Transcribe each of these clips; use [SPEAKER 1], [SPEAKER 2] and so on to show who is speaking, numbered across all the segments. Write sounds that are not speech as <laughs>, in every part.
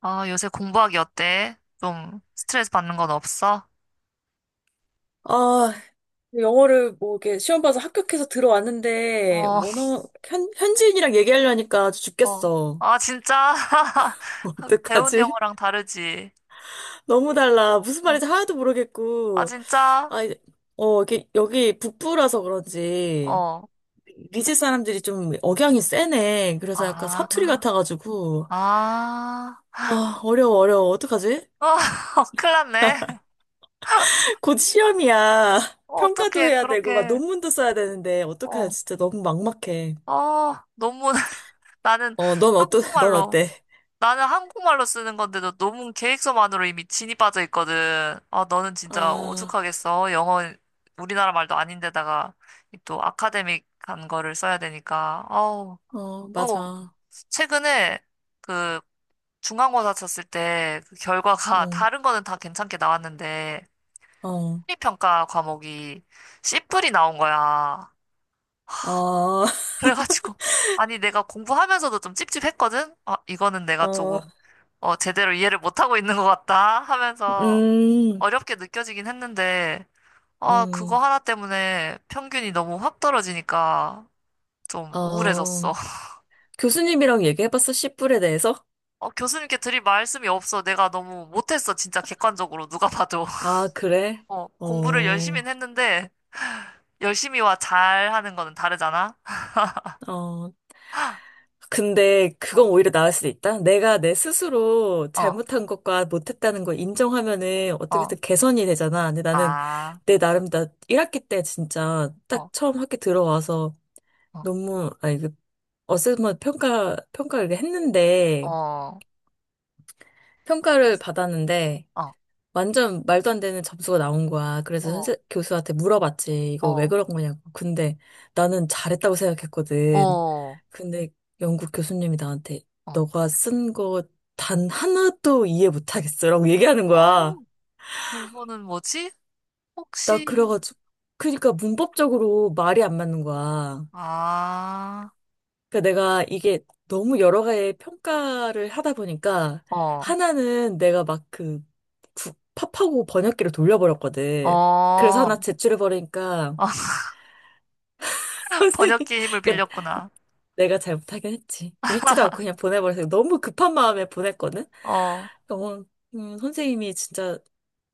[SPEAKER 1] 아, 요새 공부하기 어때? 좀 스트레스 받는 건 없어?
[SPEAKER 2] 아, 영어를 뭐 이렇게 시험 봐서 합격해서 들어왔는데,
[SPEAKER 1] 어,
[SPEAKER 2] 현지인이랑 얘기하려니까 아주
[SPEAKER 1] 어.
[SPEAKER 2] 죽겠어.
[SPEAKER 1] 아, 진짜? <laughs>
[SPEAKER 2] <laughs>
[SPEAKER 1] 배운
[SPEAKER 2] 어떡하지?
[SPEAKER 1] 영어랑 다르지?
[SPEAKER 2] 너무 달라. 무슨
[SPEAKER 1] 어.
[SPEAKER 2] 말인지 하나도
[SPEAKER 1] 아,
[SPEAKER 2] 모르겠고.
[SPEAKER 1] 진짜?
[SPEAKER 2] 아, 이제- 이게 여기 북부라서 그런지,
[SPEAKER 1] 어.
[SPEAKER 2] 리즈 사람들이 좀 억양이 세네. 그래서 약간
[SPEAKER 1] 아,
[SPEAKER 2] 사투리 같아가지고,
[SPEAKER 1] 아.
[SPEAKER 2] 어려워, 어려워. 어떡하지?
[SPEAKER 1] 어, <laughs> 큰일 났네.
[SPEAKER 2] <laughs> 곧 시험이야.
[SPEAKER 1] 어,
[SPEAKER 2] 평가도
[SPEAKER 1] 어떻게
[SPEAKER 2] 해야 되고, 막 논문도 써야 되는데, 어떡하지?
[SPEAKER 1] 어,
[SPEAKER 2] 진짜 너무 막막해.
[SPEAKER 1] 어, 너무 <laughs> 나는
[SPEAKER 2] <laughs> 넌
[SPEAKER 1] 한국말로
[SPEAKER 2] 어때?
[SPEAKER 1] 나는 한국말로 쓰는 건데도 너무 계획서만으로 이미 진이 빠져 있거든. 아, 너는 진짜
[SPEAKER 2] 아.
[SPEAKER 1] 오죽하겠어. 영어, 우리나라 말도 아닌데다가 이또 아카데믹한 거를 써야 되니까. 아우, 또
[SPEAKER 2] 맞아.
[SPEAKER 1] 최근에 그 중간고사 쳤을 때 그 결과가 <laughs>
[SPEAKER 2] 어,
[SPEAKER 1] 다른 거는 다 괜찮게 나왔는데
[SPEAKER 2] 어,
[SPEAKER 1] 심리평가 과목이 C뿔이 나온 거야.
[SPEAKER 2] 어, <laughs>
[SPEAKER 1] 그래가지고, <laughs> 아니, 내가 공부하면서도 좀 찝찝했거든? 아, 이거는 내가
[SPEAKER 2] 어,
[SPEAKER 1] 어, 제대로 이해를 못하고 있는 것 같다 하면서
[SPEAKER 2] 음,
[SPEAKER 1] 어렵게 느껴지긴 했는데, 아, 그거
[SPEAKER 2] 음,
[SPEAKER 1] 하나 때문에 평균이 너무 확 떨어지니까 좀
[SPEAKER 2] 어.
[SPEAKER 1] 우울해졌어. <laughs>
[SPEAKER 2] 교수님이랑 얘기해봤어, 씨뿔에 대해서?
[SPEAKER 1] 어, 교수님께 드릴 말씀이 없어. 내가 너무 못했어. 진짜 객관적으로 누가 봐도.
[SPEAKER 2] 아, 그래?
[SPEAKER 1] <laughs> 어, 공부를
[SPEAKER 2] 어,
[SPEAKER 1] 열심히 했는데, 열심히와 잘하는 거는 다르잖아?
[SPEAKER 2] 어. 근데 그건
[SPEAKER 1] 어,
[SPEAKER 2] 오히려 나을 수도 있다. 내가 내 스스로
[SPEAKER 1] 어,
[SPEAKER 2] 잘못한 것과 못했다는 걸 인정하면은
[SPEAKER 1] 어,
[SPEAKER 2] 어떻게든 개선이 되잖아. 근데 나는
[SPEAKER 1] 아,
[SPEAKER 2] 내 나름 나 1학기 때 진짜
[SPEAKER 1] 어,
[SPEAKER 2] 딱 처음 학기 들어와서
[SPEAKER 1] 어,
[SPEAKER 2] 너무, 아니, 그 어세스먼트 평가를 했는데,
[SPEAKER 1] 어,
[SPEAKER 2] 평가를 받았는데
[SPEAKER 1] 어,
[SPEAKER 2] 완전 말도 안 되는 점수가 나온 거야. 그래서
[SPEAKER 1] 어.
[SPEAKER 2] 선생 교수한테 물어봤지. 이거 왜
[SPEAKER 1] 어,
[SPEAKER 2] 그런 거냐고. 근데 나는 잘했다고 생각했거든.
[SPEAKER 1] 어,
[SPEAKER 2] 근데 영국 교수님이 나한테
[SPEAKER 1] 어.
[SPEAKER 2] 너가 쓴 거 단 하나도 이해 못하겠어라고 얘기하는
[SPEAKER 1] 어,
[SPEAKER 2] 거야.
[SPEAKER 1] 그거는 뭐지?
[SPEAKER 2] 나
[SPEAKER 1] 혹시,
[SPEAKER 2] 그래가지고 그러니까 문법적으로 말이
[SPEAKER 1] 어.
[SPEAKER 2] 안 맞는 거야.
[SPEAKER 1] 아,
[SPEAKER 2] 그러니까 내가 이게 너무 여러 가지 평가를 하다 보니까
[SPEAKER 1] 어,
[SPEAKER 2] 하나는 내가 막 그 팝하고 번역기를 돌려버렸거든. 그래서
[SPEAKER 1] 어,
[SPEAKER 2] 하나 제출해버리니까
[SPEAKER 1] <laughs>
[SPEAKER 2] <laughs> 선생님,
[SPEAKER 1] 번역기 힘을
[SPEAKER 2] 그러니까
[SPEAKER 1] 빌렸구나.
[SPEAKER 2] 내가 잘못하긴 했지. 읽지도 않고 그냥 보내버려서 너무 급한 마음에 보냈거든.
[SPEAKER 1] 어,
[SPEAKER 2] 어, 선생님이 진짜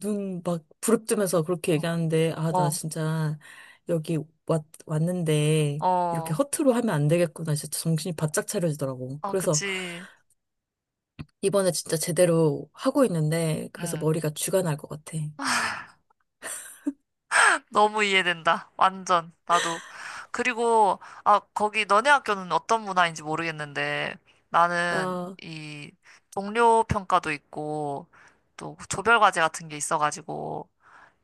[SPEAKER 2] 눈 막 부릅뜨면서 그렇게
[SPEAKER 1] 어,
[SPEAKER 2] 얘기하는데, 아, 나
[SPEAKER 1] 어,
[SPEAKER 2] 진짜 여기 왔는데, 이렇게
[SPEAKER 1] 어,
[SPEAKER 2] 허투루 하면 안 되겠구나. 진짜 정신이 바짝 차려지더라고.
[SPEAKER 1] 어
[SPEAKER 2] 그래서,
[SPEAKER 1] 그치.
[SPEAKER 2] 이번에 진짜 제대로 하고 있는데, 그래서
[SPEAKER 1] 음
[SPEAKER 2] 머리가 쥐가 날 것 같아.
[SPEAKER 1] 너무 이해된다. 완전, 나도. 그리고, 아, 거기 너네 학교는 어떤 문화인지 모르겠는데, 나는
[SPEAKER 2] 아,
[SPEAKER 1] 이 동료 평가도 있고, 또 조별 과제 같은 게 있어가지고,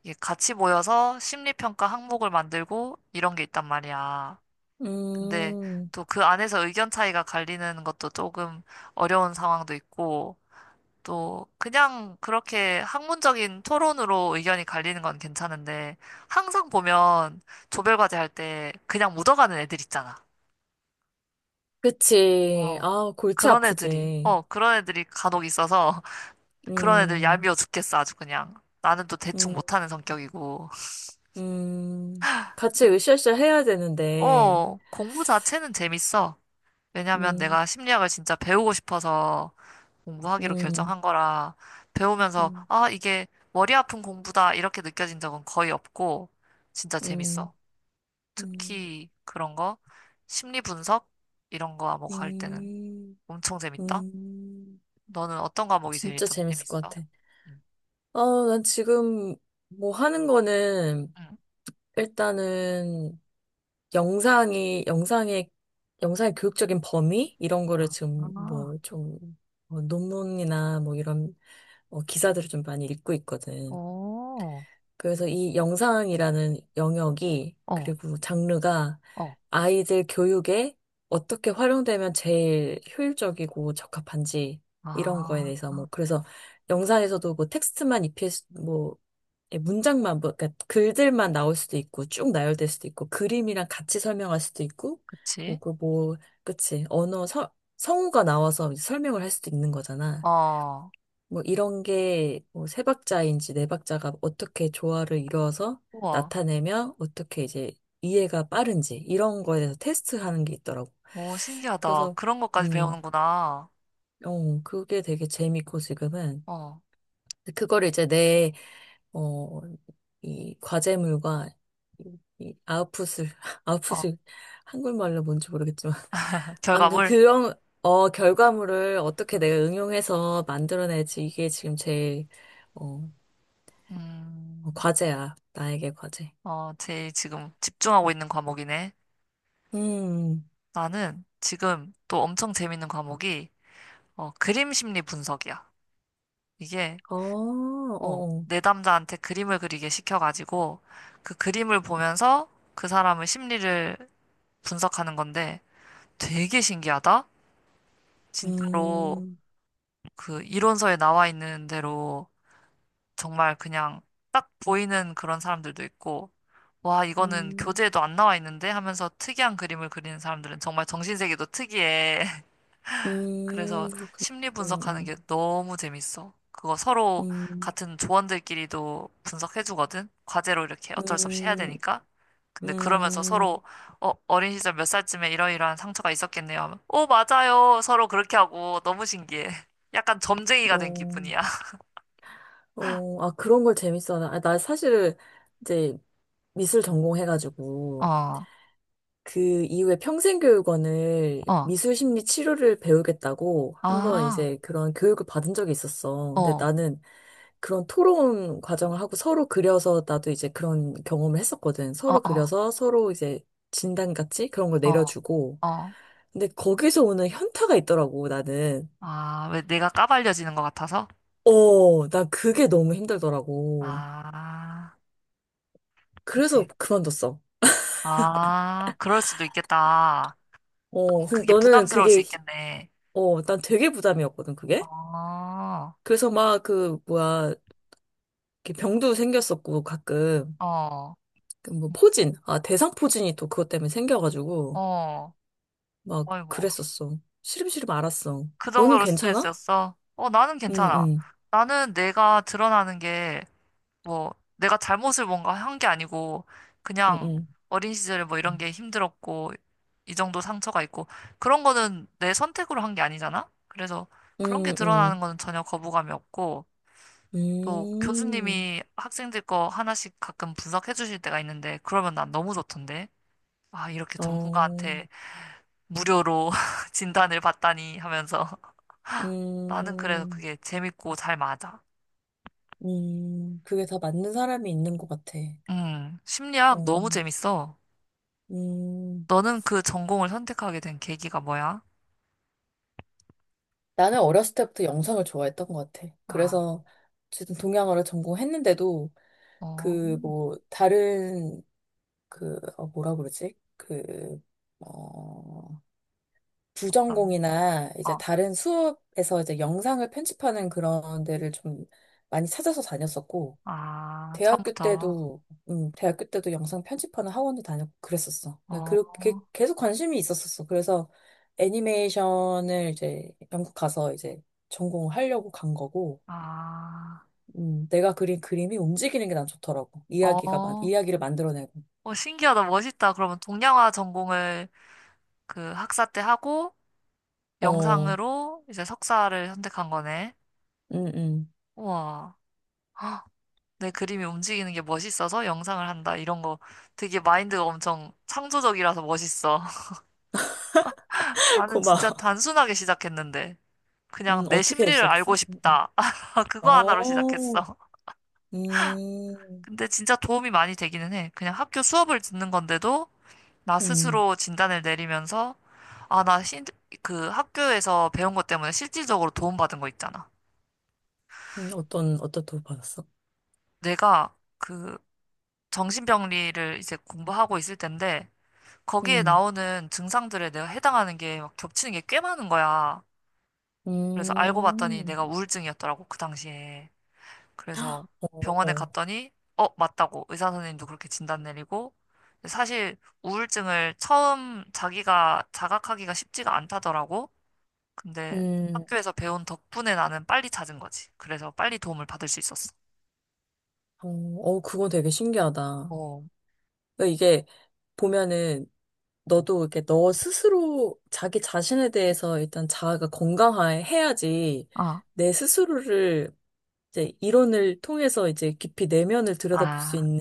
[SPEAKER 1] 이게 같이 모여서 심리평가 항목을 만들고 이런 게 있단 말이야. 근데
[SPEAKER 2] 음,
[SPEAKER 1] 또 그 안에서 의견 차이가 갈리는 것도 조금 어려운 상황도 있고, 또 그냥 그렇게 학문적인 토론으로 의견이 갈리는 건 괜찮은데, 항상 보면 조별과제 할 때 그냥 묻어가는 애들 있잖아.
[SPEAKER 2] 그치.
[SPEAKER 1] 어.
[SPEAKER 2] 아, 골치 아프지.
[SPEAKER 1] 그런 애들이 간혹 있어서, <laughs> 그런 애들
[SPEAKER 2] 음,
[SPEAKER 1] 얄미워 죽겠어, 아주 그냥. 나는 또 대충
[SPEAKER 2] 음,
[SPEAKER 1] 못하는 성격이고.
[SPEAKER 2] 음. 같이 으쌰으쌰 해야 되는데,
[SPEAKER 1] 어, 공부 자체는 재밌어. 왜냐면
[SPEAKER 2] 음,
[SPEAKER 1] 내가 심리학을 진짜 배우고 싶어서 공부하기로
[SPEAKER 2] 음,
[SPEAKER 1] 결정한 거라 배우면서
[SPEAKER 2] 음,
[SPEAKER 1] 아, 이게 머리 아픈 공부다 이렇게 느껴진 적은 거의 없고 진짜
[SPEAKER 2] 음,
[SPEAKER 1] 재밌어.
[SPEAKER 2] 음,
[SPEAKER 1] 특히 그런 거 심리 분석 이런 거 과목 할 때는
[SPEAKER 2] 음,
[SPEAKER 1] 엄청 재밌다.
[SPEAKER 2] 음.
[SPEAKER 1] 너는 어떤 과목이 제일
[SPEAKER 2] 진짜
[SPEAKER 1] 좀
[SPEAKER 2] 재밌을 것
[SPEAKER 1] 재밌어?
[SPEAKER 2] 같아.
[SPEAKER 1] 응.
[SPEAKER 2] 아, 난 지금 뭐 하는 거는
[SPEAKER 1] 응.
[SPEAKER 2] 일단은 영상이, 영상의, 영상의 교육적인 범위? 이런 거를
[SPEAKER 1] 아,
[SPEAKER 2] 지금
[SPEAKER 1] 아,
[SPEAKER 2] 뭐 좀, 논문이나 뭐 이런 기사들을 좀 많이 읽고 있거든.
[SPEAKER 1] 오,
[SPEAKER 2] 그래서 이 영상이라는 영역이,
[SPEAKER 1] 어,
[SPEAKER 2] 그리고 장르가
[SPEAKER 1] 어,
[SPEAKER 2] 아이들 교육에 어떻게 활용되면 제일 효율적이고 적합한지, 이런 거에
[SPEAKER 1] 아,
[SPEAKER 2] 대해서
[SPEAKER 1] 아,
[SPEAKER 2] 뭐, 그래서 영상에서도 뭐 뭐, 예, 문장만, 뭐, 그러니까 글들만 나올 수도 있고, 쭉 나열될 수도 있고, 그림이랑 같이 설명할 수도 있고,
[SPEAKER 1] 그치?
[SPEAKER 2] 뭐, 그, 뭐, 그치. 성우가 나와서 이제 설명을 할 수도 있는 거잖아.
[SPEAKER 1] 어.
[SPEAKER 2] 뭐, 이런 게, 뭐, 세 박자인지 네 박자가 어떻게 조화를 이루어서
[SPEAKER 1] 우와.
[SPEAKER 2] 나타내면 어떻게 이제 이해가 빠른지, 이런 거에 대해서 테스트 하는 게 있더라고.
[SPEAKER 1] 오, 신기하다.
[SPEAKER 2] 그래서,
[SPEAKER 1] 그런 것까지
[SPEAKER 2] 음,
[SPEAKER 1] 배우는구나.
[SPEAKER 2] 어, 그게 되게 재밌고, 지금은.
[SPEAKER 1] 어.
[SPEAKER 2] 그거를 이제 내 어, 이 과제물과 이 아웃풋을, <laughs>
[SPEAKER 1] 어,
[SPEAKER 2] 아웃풋이 한글말로 뭔지 모르겠지만. <laughs> 아무튼
[SPEAKER 1] 결과물?
[SPEAKER 2] 그런, 어, 결과물을 어떻게 내가 응용해서 만들어내지. 이게 지금 제일, 어,
[SPEAKER 1] 음,
[SPEAKER 2] 과제야. 나에게 과제.
[SPEAKER 1] 어, 제일 지금 집중하고 있는 과목이네.
[SPEAKER 2] 음,
[SPEAKER 1] 나는 지금 또 엄청 재밌는 과목이, 어, 그림 심리 분석이야. 이게,
[SPEAKER 2] 어, 어,
[SPEAKER 1] 어,
[SPEAKER 2] 어.
[SPEAKER 1] 내담자한테 그림을 그리게 시켜가지고, 그 그림을 보면서 그 사람의 심리를 분석하는 건데, 되게 신기하다? 진짜로
[SPEAKER 2] 음,
[SPEAKER 1] 그 이론서에 나와 있는 대로 정말 그냥 딱 보이는 그런 사람들도 있고, 와, 이거는
[SPEAKER 2] 음,
[SPEAKER 1] 교재에도 안 나와 있는데 하면서 특이한 그림을 그리는 사람들은 정말 정신세계도 특이해. <laughs> 그래서
[SPEAKER 2] 그렇군.
[SPEAKER 1] 심리 분석하는
[SPEAKER 2] 음,
[SPEAKER 1] 게 너무 재밌어. 그거 서로
[SPEAKER 2] 음,
[SPEAKER 1] 같은 조원들끼리도 분석해주거든. 과제로 이렇게 어쩔 수 없이 해야
[SPEAKER 2] 음,
[SPEAKER 1] 되니까.
[SPEAKER 2] 음,
[SPEAKER 1] 근데 그러면서
[SPEAKER 2] 음,
[SPEAKER 1] 서로 어, 어린 시절 몇 살쯤에 이러이러한 상처가 있었겠네요 하면, 오, 맞아요. 서로 그렇게 하고 너무 신기해. <laughs> 약간 점쟁이가 된
[SPEAKER 2] 어.
[SPEAKER 1] 기분이야. <laughs>
[SPEAKER 2] 그런 걸 재밌어하나? 아, 나 사실 이제 미술 전공해가지고
[SPEAKER 1] 어,
[SPEAKER 2] 그 이후에 평생교육원을
[SPEAKER 1] 어.
[SPEAKER 2] 미술심리 치료를 배우겠다고 한번
[SPEAKER 1] 아.
[SPEAKER 2] 이제 그런 교육을 받은 적이 있었어.
[SPEAKER 1] 어,
[SPEAKER 2] 근데
[SPEAKER 1] 어,
[SPEAKER 2] 나는 그런 토론 과정을 하고 서로 그려서 나도 이제 그런 경험을 했었거든. 서로
[SPEAKER 1] 어,
[SPEAKER 2] 그려서 서로 이제 진단같이 그런 걸
[SPEAKER 1] 어,
[SPEAKER 2] 내려주고.
[SPEAKER 1] 어.
[SPEAKER 2] 근데 거기서 오는 현타가 있더라고, 나는.
[SPEAKER 1] 아, 왜 내가 까발려지는 것 같아서?
[SPEAKER 2] 어, 난 그게 너무 힘들더라고.
[SPEAKER 1] 아,
[SPEAKER 2] 그래서
[SPEAKER 1] 그치.
[SPEAKER 2] 그만뒀어.
[SPEAKER 1] 아, 그럴 수도 있겠다.
[SPEAKER 2] 어,
[SPEAKER 1] 좀
[SPEAKER 2] 근데
[SPEAKER 1] 그게
[SPEAKER 2] 너는
[SPEAKER 1] 부담스러울 수
[SPEAKER 2] 그게, 히-
[SPEAKER 1] 있겠네.
[SPEAKER 2] 어, 난 되게 부담이었거든, 그게.
[SPEAKER 1] 어,
[SPEAKER 2] 그래서 막 그, 뭐야, 이렇게 병도 생겼었고, 가끔.
[SPEAKER 1] 어,
[SPEAKER 2] 그 뭐, 포진. 아, 대상 포진이 또 그것 때문에 생겨가지고,
[SPEAKER 1] 어.
[SPEAKER 2] 막
[SPEAKER 1] 아이고,
[SPEAKER 2] 그랬었어. 시름시름 알았어.
[SPEAKER 1] 그
[SPEAKER 2] 너는
[SPEAKER 1] 정도로
[SPEAKER 2] 괜찮아?
[SPEAKER 1] 스트레스였어? 어, 나는
[SPEAKER 2] 응,
[SPEAKER 1] 괜찮아.
[SPEAKER 2] 응,
[SPEAKER 1] 나는 내가 드러나는 게 뭐 내가 잘못을 뭔가 한 게 아니고
[SPEAKER 2] 응,
[SPEAKER 1] 그냥
[SPEAKER 2] 응.
[SPEAKER 1] 어린 시절에 뭐 이런 게 힘들었고 이 정도 상처가 있고 그런 거는 내 선택으로 한 게 아니잖아. 그래서 그런 게
[SPEAKER 2] 응, 응.
[SPEAKER 1] 드러나는 거는 전혀 거부감이 없고 또
[SPEAKER 2] 음,
[SPEAKER 1] 교수님이 학생들 거 하나씩 가끔 분석해 주실 때가 있는데 그러면 난 너무 좋던데. 아, 이렇게
[SPEAKER 2] 어,
[SPEAKER 1] 전문가한테 무료로 <laughs> 진단을 받다니 하면서 <laughs> 나는 그래서
[SPEAKER 2] 음,
[SPEAKER 1] 그게 재밌고 잘 맞아.
[SPEAKER 2] 그게 다 맞는 사람이 있는 것 같아.
[SPEAKER 1] 심리학
[SPEAKER 2] 어,
[SPEAKER 1] 너무 재밌어.
[SPEAKER 2] 음.
[SPEAKER 1] 너는 그 전공을 선택하게 된 계기가 뭐야?
[SPEAKER 2] 나는 어렸을 때부터 영상을 좋아했던 것 같아.
[SPEAKER 1] 아,
[SPEAKER 2] 그래서 어쨌든 동양어를 전공했는데도
[SPEAKER 1] 어,
[SPEAKER 2] 그 뭐 다른 그 뭐라 그러지? 그 어,
[SPEAKER 1] 난,
[SPEAKER 2] 부전공이나 이제
[SPEAKER 1] 어,
[SPEAKER 2] 다른 수업에서 이제 영상을 편집하는 그런 데를 좀 많이 찾아서 다녔었고
[SPEAKER 1] 아,
[SPEAKER 2] 대학교
[SPEAKER 1] 처음부터,
[SPEAKER 2] 때도, 대학교 때도 영상 편집하는 학원도 다녔고 그랬었어. 네,
[SPEAKER 1] 어,
[SPEAKER 2] 그렇게 계속 관심이 있었었어. 그래서 애니메이션을 이제 영국 가서 이제 전공을 하려고 간 거고,
[SPEAKER 1] 아,
[SPEAKER 2] 내가 그린 그림이 움직이는 게 난 좋더라고.
[SPEAKER 1] 어,
[SPEAKER 2] 이야기를 만들어내고.
[SPEAKER 1] 어, 신기하다, 멋있다. 그러면 동양화 전공을 그 학사 때 하고
[SPEAKER 2] 어,
[SPEAKER 1] 영상으로 이제 석사를 선택한 거네.
[SPEAKER 2] 음.
[SPEAKER 1] 우와, 헉, 내 그림이 움직이는 게 멋있어서 영상을 한다. 이런 거 되게 마인드가 엄청 창조적이라서 멋있어. <laughs>
[SPEAKER 2] <laughs>
[SPEAKER 1] 나는 진짜
[SPEAKER 2] 고마워.
[SPEAKER 1] 단순하게 시작했는데, 그냥 내
[SPEAKER 2] 어떻게
[SPEAKER 1] 심리를 알고
[SPEAKER 2] 시작했어?
[SPEAKER 1] 싶다. 아, 그거 하나로
[SPEAKER 2] 어,
[SPEAKER 1] 시작했어. <laughs>
[SPEAKER 2] 음,
[SPEAKER 1] 근데 진짜 도움이 많이 되기는 해. 그냥 학교 수업을 듣는 건데도 나
[SPEAKER 2] 음,
[SPEAKER 1] 스스로 진단을 내리면서 아, 나 신, 그 학교에서 배운 것 때문에 실질적으로 도움받은 거 있잖아.
[SPEAKER 2] 어떤 도움 받았어?
[SPEAKER 1] 내가 그 정신병리를 이제 공부하고 있을 텐데 거기에
[SPEAKER 2] 음,
[SPEAKER 1] 나오는 증상들에 내가 해당하는 게 막 겹치는 게 꽤 많은 거야. 그래서 알고 봤더니
[SPEAKER 2] 음,
[SPEAKER 1] 내가 우울증이었더라고, 그 당시에. 그래서
[SPEAKER 2] 어,
[SPEAKER 1] 병원에
[SPEAKER 2] 어.
[SPEAKER 1] 갔더니, 어, 맞다고. 의사 선생님도 그렇게 진단 내리고. 사실 우울증을 처음 자기가 자각하기가 쉽지가 않다더라고. 근데
[SPEAKER 2] 음.
[SPEAKER 1] 학교에서 배운 덕분에 나는 빨리 찾은 거지. 그래서 빨리 도움을 받을 수 있었어.
[SPEAKER 2] 어, 어, 그건 되게 신기하다.
[SPEAKER 1] 어,
[SPEAKER 2] 그러니까 이게 보면은 너도 이렇게 너 스스로 자기 자신에 대해서 일단 자아가 건강해야지
[SPEAKER 1] 아,
[SPEAKER 2] 내 스스로를 이제 이론을 통해서 이제 깊이 내면을 들여다볼 수
[SPEAKER 1] 아,
[SPEAKER 2] 있는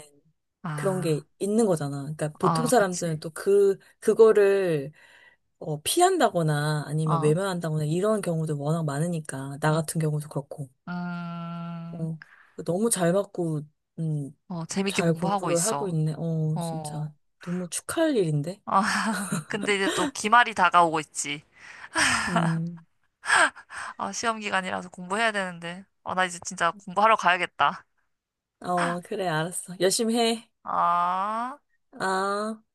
[SPEAKER 2] 그런 게
[SPEAKER 1] 아,
[SPEAKER 2] 있는 거잖아. 그러니까 보통
[SPEAKER 1] 아,
[SPEAKER 2] 사람들은
[SPEAKER 1] 그치.
[SPEAKER 2] 또 그, 그거를 피한다거나 아니면
[SPEAKER 1] 어,
[SPEAKER 2] 외면한다거나 이런 경우도 워낙 많으니까. 나
[SPEAKER 1] 음,
[SPEAKER 2] 같은 경우도 그렇고.
[SPEAKER 1] 음,
[SPEAKER 2] 어, 너무 잘 맞고, 음,
[SPEAKER 1] 어, 재밌게
[SPEAKER 2] 잘
[SPEAKER 1] 공부하고
[SPEAKER 2] 공부를 하고
[SPEAKER 1] 있어.
[SPEAKER 2] 있네. 어,
[SPEAKER 1] 어,
[SPEAKER 2] 진짜. 너무 축하할 일인데?
[SPEAKER 1] 아, <laughs> 근데 이제 또 기말이 다가오고 있지.
[SPEAKER 2] 음.
[SPEAKER 1] 아, 시험 기간이라서 공부해야 되는데. 아, 나 이제 진짜 공부하러 가야겠다.
[SPEAKER 2] 어, 그래, 알았어. 열심히 해.
[SPEAKER 1] 아.
[SPEAKER 2] 아.